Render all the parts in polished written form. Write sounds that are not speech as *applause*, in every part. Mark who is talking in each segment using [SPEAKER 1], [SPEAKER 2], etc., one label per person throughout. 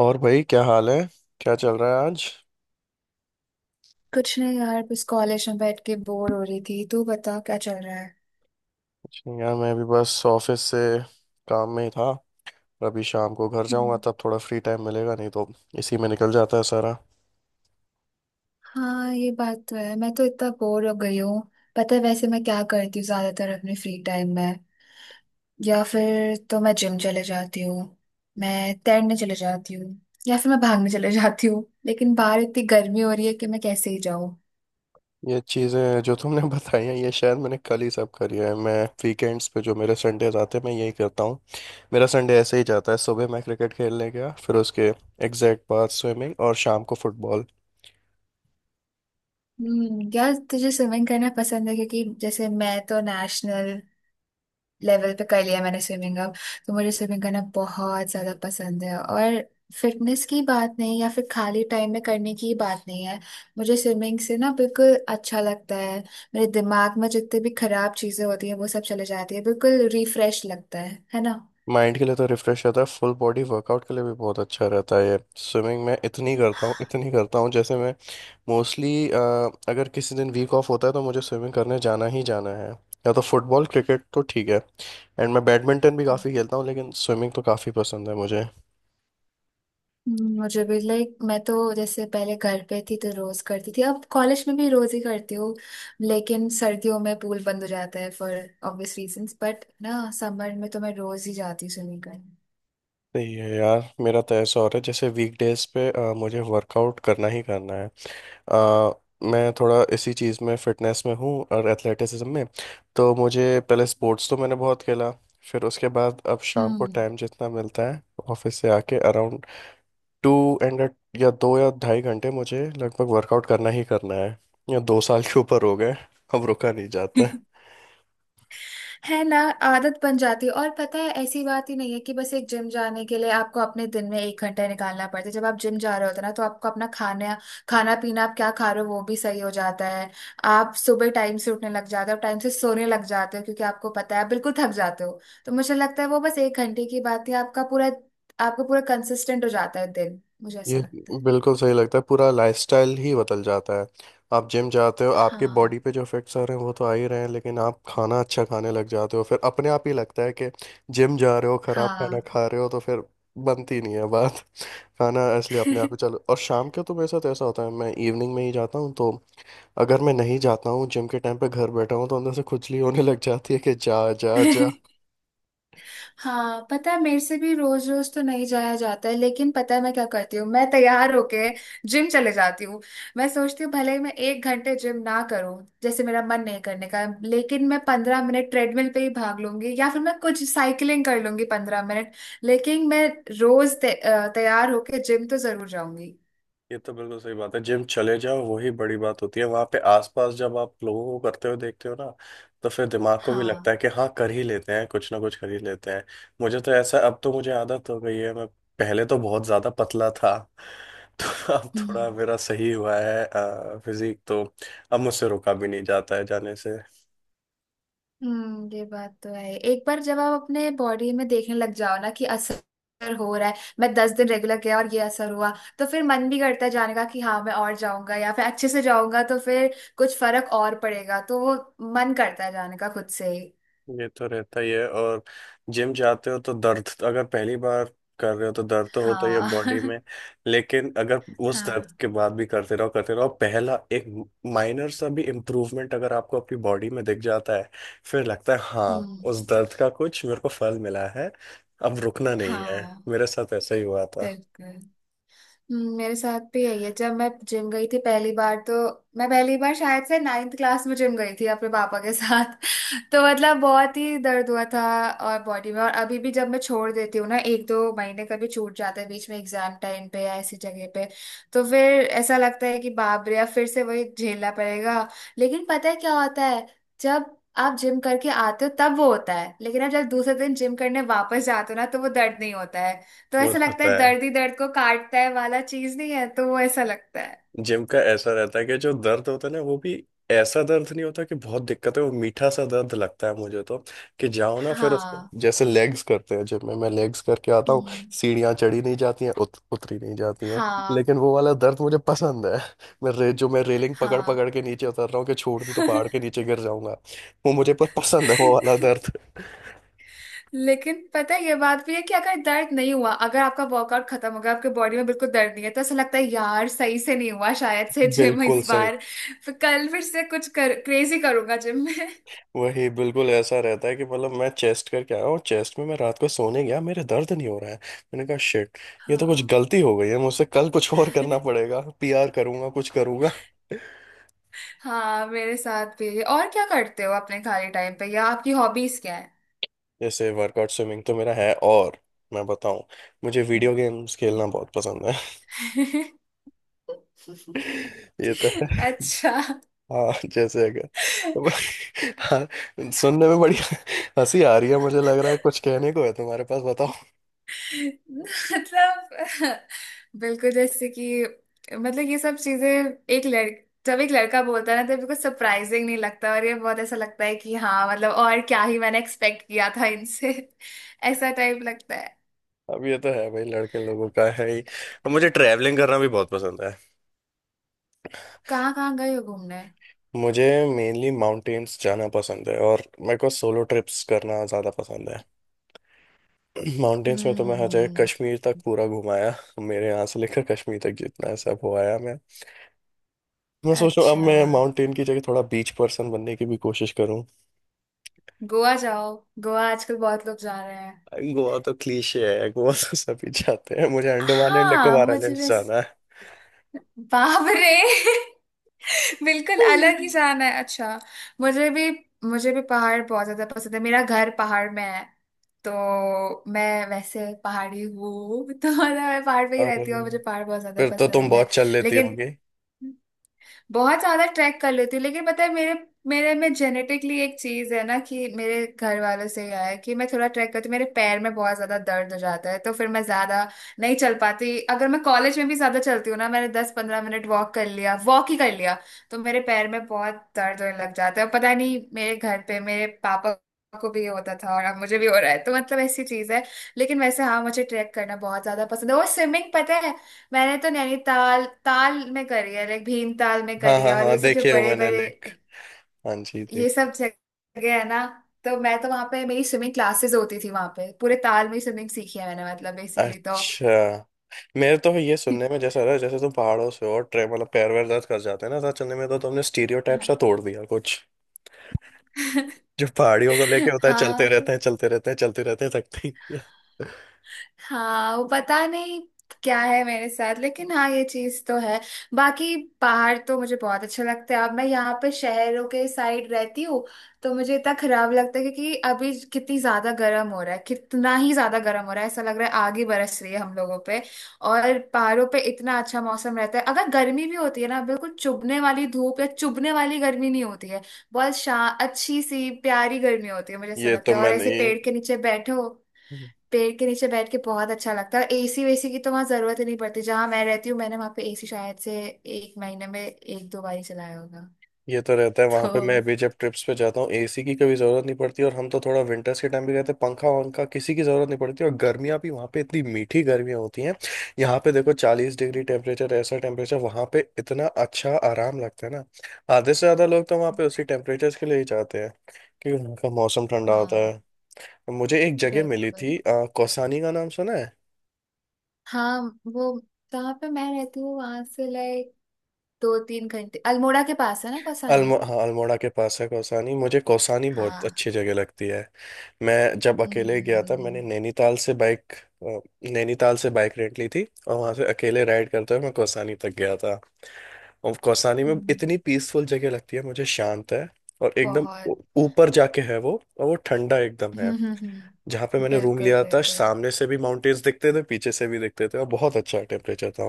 [SPEAKER 1] और भाई क्या हाल है। क्या चल रहा है आज।
[SPEAKER 2] कुछ नहीं यार, बस कॉलेज में बैठ के बोर हो रही थी। तू बता क्या चल रहा है?
[SPEAKER 1] कुछ नहीं यार मैं भी बस ऑफिस से काम में ही था। अभी शाम को घर जाऊंगा
[SPEAKER 2] हम्म।
[SPEAKER 1] तब थोड़ा फ्री टाइम मिलेगा नहीं तो इसी में निकल जाता है सारा।
[SPEAKER 2] हाँ, ये बात तो है, मैं तो इतना बोर हो गई हूँ। पता है वैसे मैं क्या करती हूँ ज्यादातर अपने फ्री टाइम में? या फिर तो मैं जिम चले जाती हूँ, मैं तैरने चले जाती हूँ, या फिर मैं भागने चले *laughs* जाती हूँ। लेकिन बाहर इतनी गर्मी हो रही है कि मैं कैसे ही जाऊँ।
[SPEAKER 1] ये चीज़ें जो तुमने *laughs* बताई हैं ये शायद मैंने कल ही सब करी है। मैं वीकेंड्स पे जो मेरे संडेज आते हैं मैं यही करता हूँ। मेरा संडे ऐसे ही जाता है, सुबह मैं क्रिकेट खेलने गया, फिर उसके एग्जैक्ट बाद स्विमिंग और शाम को फुटबॉल।
[SPEAKER 2] हम्म, यार तुझे स्विमिंग करना पसंद है? क्योंकि जैसे मैं तो नेशनल लेवल पे कर लिया मैंने स्विमिंग, अब तो मुझे स्विमिंग करना बहुत ज्यादा पसंद है। और फिटनेस की बात नहीं या फिर खाली टाइम में करने की बात नहीं है, मुझे स्विमिंग से ना बिल्कुल अच्छा लगता है। मेरे दिमाग में जितने भी खराब चीजें होती है वो सब चले जाती है, बिल्कुल रिफ्रेश लगता है ना?
[SPEAKER 1] माइंड के लिए तो रिफ्रेश रहता है, फुल बॉडी वर्कआउट के लिए भी बहुत अच्छा रहता है ये स्विमिंग। मैं इतनी करता हूँ इतनी करता हूँ, जैसे मैं मोस्टली अगर किसी दिन वीक ऑफ होता है तो मुझे स्विमिंग करने जाना ही जाना है। या तो फुटबॉल क्रिकेट तो ठीक है। एंड मैं बैडमिंटन भी काफ़ी खेलता हूँ लेकिन स्विमिंग तो काफ़ी पसंद है मुझे।
[SPEAKER 2] मुझे भी लाइक मैं तो जैसे पहले घर पे थी तो रोज करती थी, अब कॉलेज में भी रोज ही करती हूँ। लेकिन सर्दियों में पूल बंद हो जाता है फॉर ऑब्वियस रीजंस, बट ना समर में तो मैं रोज ही जाती हूँ स्विमिंग करने।
[SPEAKER 1] सही है यार, मेरा तो ऐसा हो रहा है जैसे वीकडेज पे मुझे वर्कआउट करना ही करना है। अ, मैं थोड़ा इसी चीज़ में फिटनेस में हूँ और एथलेटिसिज्म में तो मुझे। पहले स्पोर्ट्स तो मैंने बहुत खेला, फिर उसके बाद अब शाम को
[SPEAKER 2] हम्म।
[SPEAKER 1] टाइम जितना मिलता है ऑफिस से आके अराउंड टू एंड या 2 या 2.5 घंटे मुझे लगभग वर्कआउट करना ही करना है। या 2 साल के ऊपर हो गए, अब रुका नहीं जाता।
[SPEAKER 2] *laughs* है ना। आदत बन जाती है। और पता है ऐसी बात ही नहीं है कि बस एक जिम जाने के लिए आपको अपने दिन में एक घंटा निकालना पड़ता है। जब आप जिम जा रहे होते हैं ना, तो आपको अपना खाना खाना पीना, आप क्या खा रहे हो वो भी सही हो जाता है। आप सुबह टाइम से उठने लग जाते हो, टाइम से सोने लग जाते हो, क्योंकि आपको पता है आप बिल्कुल थक जाते हो। तो मुझे लगता है वो बस एक घंटे की बात है, आपका पूरा कंसिस्टेंट हो जाता है दिन, मुझे ऐसा
[SPEAKER 1] ये
[SPEAKER 2] लगता है।
[SPEAKER 1] बिल्कुल सही लगता है, पूरा लाइफस्टाइल ही बदल जाता है। आप जिम जाते हो आपके
[SPEAKER 2] हाँ।
[SPEAKER 1] बॉडी पे जो इफेक्ट्स आ रहे हैं वो तो आ ही रहे हैं, लेकिन आप खाना अच्छा खाने लग जाते हो, फिर अपने आप ही लगता है कि जिम जा रहे हो खराब खाना
[SPEAKER 2] हाँ।
[SPEAKER 1] खा रहे हो तो फिर बनती नहीं है बात। *laughs* खाना इसलिए अपने आप ही चलो। और शाम के तो मेरे साथ ऐसा होता है, मैं इवनिंग में ही जाता हूँ तो अगर मैं नहीं जाता हूँ जिम के टाइम पे, घर बैठा हूँ तो अंदर से खुजली होने लग जाती है कि जा जा जा।
[SPEAKER 2] *laughs* हाँ, पता है मेरे से भी रोज रोज तो नहीं जाया जाता है, लेकिन पता है मैं क्या करती हूँ, मैं तैयार होके जिम चले जाती हूँ। मैं सोचती हूँ भले ही मैं एक घंटे जिम ना करूँ, जैसे मेरा मन नहीं करने का, लेकिन मैं 15 मिनट ट्रेडमिल पे ही भाग लूंगी, या फिर मैं कुछ साइकिलिंग कर लूंगी 15 मिनट। लेकिन मैं रोज तैयार होके जिम तो जरूर जाऊंगी।
[SPEAKER 1] ये तो बिल्कुल सही बात है, जिम चले जाओ वही बड़ी बात होती है। वहां पे आसपास जब आप लोगों को करते हुए देखते हो ना तो फिर दिमाग को भी लगता
[SPEAKER 2] हाँ।
[SPEAKER 1] है कि हाँ कर ही लेते हैं कुछ ना कुछ कर ही लेते हैं। मुझे तो ऐसा अब तो मुझे आदत हो गई है। मैं पहले तो बहुत ज्यादा पतला था *laughs* तो अब थोड़ा मेरा सही हुआ है फिजिक तो, अब मुझसे रोका भी नहीं जाता है जाने से।
[SPEAKER 2] हम्म, ये बात तो है। एक बार जब आप अपने बॉडी में देखने लग जाओ ना कि असर हो रहा है, मैं 10 दिन रेगुलर गया और ये असर हुआ, तो फिर मन भी करता है जाने का कि हाँ मैं और जाऊंगा, या फिर अच्छे से जाऊंगा तो फिर कुछ फर्क और पड़ेगा। तो वो मन करता है जाने का खुद से ही।
[SPEAKER 1] ये तो रहता ही है। और जिम जाते हो तो दर्द अगर पहली बार कर रहे हो तो दर्द तो होता ही है बॉडी
[SPEAKER 2] हाँ।
[SPEAKER 1] में,
[SPEAKER 2] *laughs*
[SPEAKER 1] लेकिन अगर उस दर्द
[SPEAKER 2] हाँ।
[SPEAKER 1] के बाद भी करते रहो पहला एक माइनर सा भी इम्प्रूवमेंट अगर आपको अपनी बॉडी में दिख जाता है फिर लगता है हाँ
[SPEAKER 2] हम्म।
[SPEAKER 1] उस दर्द का कुछ मेरे को फल मिला है, अब रुकना नहीं है।
[SPEAKER 2] हाँ।
[SPEAKER 1] मेरे साथ ऐसा ही हुआ था।
[SPEAKER 2] बिल्कुल। मेरे साथ भी यही है। जब मैं जिम गई थी पहली बार, तो मैं पहली बार शायद से नाइन्थ क्लास में जिम गई थी अपने पापा के साथ। *laughs* तो मतलब बहुत ही दर्द हुआ था और बॉडी में। और अभी भी जब मैं छोड़ देती हूँ ना एक दो महीने, कभी छूट जाते हैं बीच में एग्जाम टाइम पे या ऐसी जगह पे, तो फिर ऐसा लगता है कि बाप रे अब फिर से वही झेलना पड़ेगा। लेकिन पता है क्या होता है, जब आप जिम करके आते हो तब वो होता है, लेकिन आप जब दूसरे दिन जिम करने वापस जाते हो ना तो वो दर्द नहीं होता है। तो
[SPEAKER 1] वो
[SPEAKER 2] ऐसा
[SPEAKER 1] तो
[SPEAKER 2] लगता है
[SPEAKER 1] होता है,
[SPEAKER 2] दर्द ही दर्द को काटता है वाला चीज नहीं है, तो वो ऐसा लगता है।
[SPEAKER 1] जिम का ऐसा रहता है कि जो दर्द होता है ना वो भी ऐसा दर्द नहीं होता कि बहुत दिक्कत है, वो मीठा सा दर्द लगता है मुझे तो, कि जाओ ना फिर उसको।
[SPEAKER 2] हाँ।
[SPEAKER 1] जैसे लेग्स करते हैं जिम में, मैं लेग्स करके आता हूँ,
[SPEAKER 2] हम्म।
[SPEAKER 1] सीढ़ियाँ चढ़ी नहीं जाती हैं उतरी नहीं जाती हैं।
[SPEAKER 2] हाँ।
[SPEAKER 1] लेकिन वो वाला दर्द मुझे पसंद है। *laughs* मैं रे जो मैं रेलिंग पकड़
[SPEAKER 2] हाँ।
[SPEAKER 1] पकड़ के नीचे उतर रहा हूँ, कि छोड़ दूँ तो पहाड़ के नीचे गिर जाऊंगा। वो मुझे पर पसंद है वो वाला
[SPEAKER 2] *laughs*
[SPEAKER 1] दर्द।
[SPEAKER 2] लेकिन पता है ये बात भी है कि अगर दर्द नहीं हुआ, अगर आपका वर्कआउट खत्म हो गया, आपके बॉडी में बिल्कुल दर्द नहीं है, तो ऐसा लगता है यार सही से नहीं हुआ शायद से जिम
[SPEAKER 1] बिल्कुल
[SPEAKER 2] इस
[SPEAKER 1] सही।
[SPEAKER 2] बार। फिर कल फिर से कुछ कर क्रेजी करूंगा जिम में।
[SPEAKER 1] वही बिल्कुल ऐसा रहता है कि मतलब मैं चेस्ट करके आया हूँ, चेस्ट में मैं रात को सोने गया मेरे दर्द नहीं हो रहा है, मैंने कहा शिट। ये तो कुछ
[SPEAKER 2] हाँ।
[SPEAKER 1] गलती हो गई है मुझसे, कल कुछ और करना
[SPEAKER 2] *laughs*
[SPEAKER 1] पड़ेगा, पीआर करूंगा, कुछ करूंगा।
[SPEAKER 2] हाँ, मेरे साथ भी है। और क्या करते हो अपने खाली टाइम पे, या आपकी हॉबीज क्या
[SPEAKER 1] जैसे वर्कआउट स्विमिंग तो मेरा है। और मैं बताऊं, मुझे वीडियो गेम्स खेलना बहुत पसंद है।
[SPEAKER 2] है?
[SPEAKER 1] *laughs*
[SPEAKER 2] *laughs*
[SPEAKER 1] ये तो है।
[SPEAKER 2] अच्छा।
[SPEAKER 1] हाँ जैसे अगर *laughs* हाँ, सुनने में बड़ी हंसी आ रही है। मुझे लग रहा है कुछ कहने को है तुम्हारे पास बताओ।
[SPEAKER 2] मतलब बिल्कुल, जैसे कि मतलब ये सब चीजें एक लड़क जब एक लड़का बोलता है ना, तो बिल्कुल सरप्राइजिंग नहीं लगता, और ये बहुत ऐसा लगता है कि हाँ मतलब और क्या ही मैंने एक्सपेक्ट किया था इनसे। ऐसा टाइप लगता है।
[SPEAKER 1] अब ये तो है भाई, लड़के लोगों का है ही। अब मुझे ट्रैवलिंग करना भी बहुत पसंद है।
[SPEAKER 2] कहाँ कहाँ गए हो घूमने?
[SPEAKER 1] मुझे मेनली माउंटेन्स जाना पसंद है, और मेरे को सोलो ट्रिप्स करना ज़्यादा पसंद है। *clears throat* माउंटेन्स में तो मैं हर जगह
[SPEAKER 2] हम्म।
[SPEAKER 1] कश्मीर तक पूरा घुमाया, मेरे यहाँ से लेकर कश्मीर तक जितना है सब हो आया मैं सोच रहा हूँ अब मैं
[SPEAKER 2] अच्छा,
[SPEAKER 1] माउंटेन की जगह थोड़ा बीच पर्सन बनने की भी कोशिश करूँ।
[SPEAKER 2] गोवा जाओ। गोवा आजकल बहुत लोग जा रहे हैं।
[SPEAKER 1] गोवा तो क्लीशे है, गोवा तो सभी जाते हैं, मुझे अंडमान एंड
[SPEAKER 2] हाँ
[SPEAKER 1] निकोबार
[SPEAKER 2] मुझे
[SPEAKER 1] आइलैंड्स
[SPEAKER 2] भी।
[SPEAKER 1] जाना है।
[SPEAKER 2] बाप रे। *laughs* बिल्कुल अलग ही शान है। अच्छा। मुझे भी। मुझे भी पहाड़ बहुत ज्यादा पसंद है, मेरा घर पहाड़ में है, तो मैं वैसे पहाड़ी हूँ। *laughs* तो मतलब मैं पहाड़ पे ही
[SPEAKER 1] और
[SPEAKER 2] रहती हूँ, मुझे पहाड़ बहुत ज्यादा
[SPEAKER 1] फिर तो तुम
[SPEAKER 2] पसंद है।
[SPEAKER 1] बहुत चल लेती
[SPEAKER 2] लेकिन
[SPEAKER 1] होगी।
[SPEAKER 2] बहुत ज्यादा ट्रैक कर लेती हूँ, लेकिन पता है मेरे मेरे में जेनेटिकली एक चीज है ना कि मेरे घर वालों से ही आया है, कि मैं थोड़ा ट्रैक करती हूँ मेरे पैर में बहुत ज्यादा दर्द हो जाता है, तो फिर मैं ज्यादा नहीं चल पाती। अगर मैं कॉलेज में भी ज्यादा चलती हूँ ना, मैंने दस पंद्रह मिनट वॉक कर लिया, वॉक ही कर लिया, तो मेरे पैर में बहुत दर्द होने लग जाता है। और पता नहीं, मेरे घर पे मेरे पापा को भी ये होता था और अब मुझे भी हो रहा है, तो मतलब ऐसी चीज है। लेकिन वैसे हाँ, मुझे ट्रैक करना बहुत ज्यादा पसंद है। और स्विमिंग पता है मैंने तो नैनीताल ताल में करी है, लाइक भीमताल में
[SPEAKER 1] हाँ
[SPEAKER 2] करी है,
[SPEAKER 1] हाँ
[SPEAKER 2] और
[SPEAKER 1] हाँ
[SPEAKER 2] ये सब जो
[SPEAKER 1] देखे हो
[SPEAKER 2] बड़े
[SPEAKER 1] मैंने
[SPEAKER 2] बड़े
[SPEAKER 1] लेक। हाँ जी देख।
[SPEAKER 2] ये सब जगह है ना, तो मैं तो वहां पे मेरी स्विमिंग क्लासेस होती थी, वहां पे पूरे ताल में स्विमिंग सीखी है मैंने मतलब बेसिकली तो।
[SPEAKER 1] अच्छा मेरे तो ये सुनने में जैसा रहा जैसे तुम पहाड़ों से हो और ट्रे मतलब पैर वैर दर्द कर जाते हैं ना ऐसा चलने में, तो तुमने स्टीरियोटाइप सा तोड़ दिया कुछ
[SPEAKER 2] *laughs*
[SPEAKER 1] जो पहाड़ियों को लेके होता है, चलते
[SPEAKER 2] हाँ। *laughs* तो
[SPEAKER 1] रहते हैं चलते रहते हैं चलते रहते हैं, थकते ही नहीं हैं।
[SPEAKER 2] हाँ, वो पता नहीं क्या है मेरे साथ, लेकिन हाँ ये चीज तो है। बाकी पहाड़ तो मुझे बहुत अच्छे लगते हैं, अब मैं यहाँ पे शहरों के साइड रहती हूँ, तो मुझे इतना खराब लगता है क्योंकि अभी कितनी ज्यादा गर्म हो रहा है, कितना ही ज्यादा गर्म हो रहा है, ऐसा लग रहा है आग ही बरस रही है हम लोगों पे। और पहाड़ों पे इतना अच्छा मौसम रहता है, अगर गर्मी भी होती है ना, बिल्कुल चुभने वाली धूप या चुभने वाली गर्मी नहीं होती है, बहुत शा अच्छी सी प्यारी गर्मी होती है मुझे ऐसा
[SPEAKER 1] ये तो
[SPEAKER 2] लगता है, और
[SPEAKER 1] मैंने
[SPEAKER 2] ऐसे
[SPEAKER 1] ये
[SPEAKER 2] पेड़ के नीचे बैठो, पेड़ के नीचे बैठ के बहुत अच्छा लगता है। एसी वेसी की तो वहां जरूरत ही नहीं पड़ती, जहां मैं रहती हूँ मैंने वहां पे एसी शायद से एक महीने में एक दो बार ही चलाया होगा।
[SPEAKER 1] ये तो रहता है
[SPEAKER 2] *laughs*
[SPEAKER 1] वहां पे। मैं
[SPEAKER 2] तो
[SPEAKER 1] अभी जब ट्रिप्स पे जाता हूँ एसी की कभी जरूरत नहीं पड़ती, और हम तो थोड़ा विंटर्स के टाइम भी रहते हैं पंखा वंखा किसी की जरूरत नहीं पड़ती, और गर्मियाँ भी वहां पे इतनी मीठी गर्मियाँ होती हैं। यहाँ पे देखो 40 डिग्री टेम्परेचर, ऐसा टेम्परेचर वहां पे इतना अच्छा आराम लगता है ना। आधे से ज्यादा लोग तो वहां पे उसी टेम्परेचर के लिए ही जाते हैं, क्योंकि उनका मौसम ठंडा होता
[SPEAKER 2] हाँ।
[SPEAKER 1] है। मुझे एक जगह मिली
[SPEAKER 2] बिल्कुल।
[SPEAKER 1] थी कौसानी का नाम सुना है।
[SPEAKER 2] हाँ वो जहाँ पे मैं रहती हूँ, वहां से लाइक दो तीन घंटे अल्मोड़ा के पास है ना कौसानी।
[SPEAKER 1] अल्मो हाँ अल्मोड़ा के पास है कौसानी, मुझे कौसानी बहुत
[SPEAKER 2] हाँ।
[SPEAKER 1] अच्छी जगह लगती है। मैं जब अकेले गया था
[SPEAKER 2] हम्म।
[SPEAKER 1] मैंने नैनीताल से बाइक रेंट ली थी, और वहां से अकेले राइड करते हुए मैं कौसानी तक गया था। और कौसानी में
[SPEAKER 2] हम्म,
[SPEAKER 1] इतनी पीसफुल जगह लगती है मुझे, शांत है और एकदम
[SPEAKER 2] बहुत।
[SPEAKER 1] ऊपर जाके है वो, और वो ठंडा एकदम है।
[SPEAKER 2] हम्म। हम्म।
[SPEAKER 1] जहाँ पे
[SPEAKER 2] *laughs*
[SPEAKER 1] मैंने रूम
[SPEAKER 2] बिल्कुल
[SPEAKER 1] लिया था
[SPEAKER 2] बिल्कुल।
[SPEAKER 1] सामने से भी माउंटेन्स दिखते थे पीछे से भी दिखते थे, और बहुत अच्छा टेम्परेचर था।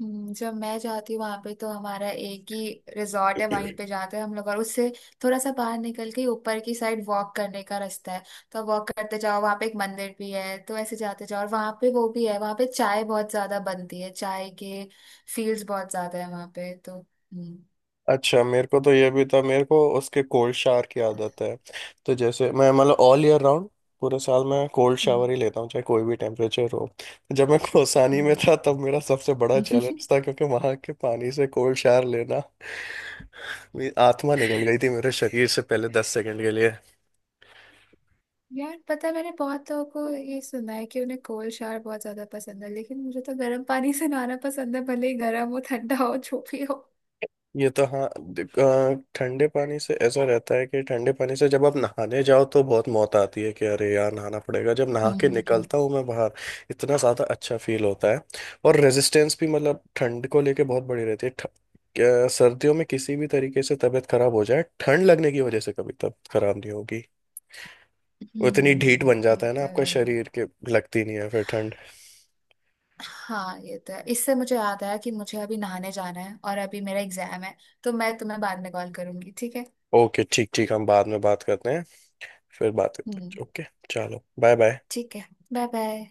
[SPEAKER 2] जब मैं जाती हूँ वहां पे तो हमारा एक ही रिजॉर्ट है, वहीं पे जाते हैं हम लोग, और उससे थोड़ा सा बाहर निकल के ऊपर की साइड वॉक करने का रास्ता है, तो वॉक करते जाओ वहां पे एक मंदिर भी है, तो ऐसे जाते जाओ और वहां पे वो भी है। वहां पे चाय बहुत ज्यादा बनती है, चाय के फील्ड्स बहुत ज्यादा है वहां पे तो। हम्म।
[SPEAKER 1] अच्छा मेरे को तो ये भी था, मेरे को उसके कोल्ड शावर की आदत है, तो जैसे मैं मतलब ऑल ईयर राउंड पूरे साल मैं कोल्ड
[SPEAKER 2] हम्म।
[SPEAKER 1] शावर ही लेता हूँ चाहे कोई भी टेम्परेचर हो। जब मैं कोसानी में था तब मेरा सबसे बड़ा
[SPEAKER 2] हम्म।
[SPEAKER 1] चैलेंज था क्योंकि वहां के पानी से कोल्ड शावर लेना, मेरी आत्मा निकल गई थी
[SPEAKER 2] *laughs*
[SPEAKER 1] मेरे शरीर से पहले 10 सेकंड के लिए।
[SPEAKER 2] यार पता है मैंने बहुत लोगों को ये सुना है कि उन्हें कोल्ड शावर बहुत ज्यादा पसंद है, लेकिन मुझे तो गर्म पानी से नहाना पसंद है, भले ही गर्म हो ठंडा हो जो भी हो।
[SPEAKER 1] ये तो हाँ। देख, ठंडे पानी से ऐसा रहता है कि ठंडे पानी से जब आप नहाने जाओ तो बहुत मौत आती है कि अरे यार नहाना पड़ेगा, जब नहा
[SPEAKER 2] हम्म।
[SPEAKER 1] के
[SPEAKER 2] हम्म। हम्म।
[SPEAKER 1] निकलता हूँ मैं बाहर इतना ज़्यादा अच्छा फील होता है। और रेजिस्टेंस भी मतलब ठंड को लेके बहुत बड़ी रहती है। सर्दियों में किसी भी तरीके से तबीयत खराब हो जाए ठंड लगने की वजह से कभी तबीयत खराब नहीं होगी। वो इतनी ढीठ बन जाता
[SPEAKER 2] ये
[SPEAKER 1] है ना
[SPEAKER 2] तो
[SPEAKER 1] आपका
[SPEAKER 2] है।
[SPEAKER 1] शरीर के, लगती नहीं है फिर ठंड।
[SPEAKER 2] हाँ ये तो है, इससे मुझे याद आया कि मुझे अभी नहाने जाना है और अभी मेरा एग्जाम है, तो मैं तुम्हें बाद में कॉल करूंगी, ठीक है?
[SPEAKER 1] ओके ठीक ठीक, हम बाद में बात करते हैं। फिर बात करते
[SPEAKER 2] हम्म।
[SPEAKER 1] हैं, ओके। चलो बाय बाय।
[SPEAKER 2] ठीक है, बाय बाय।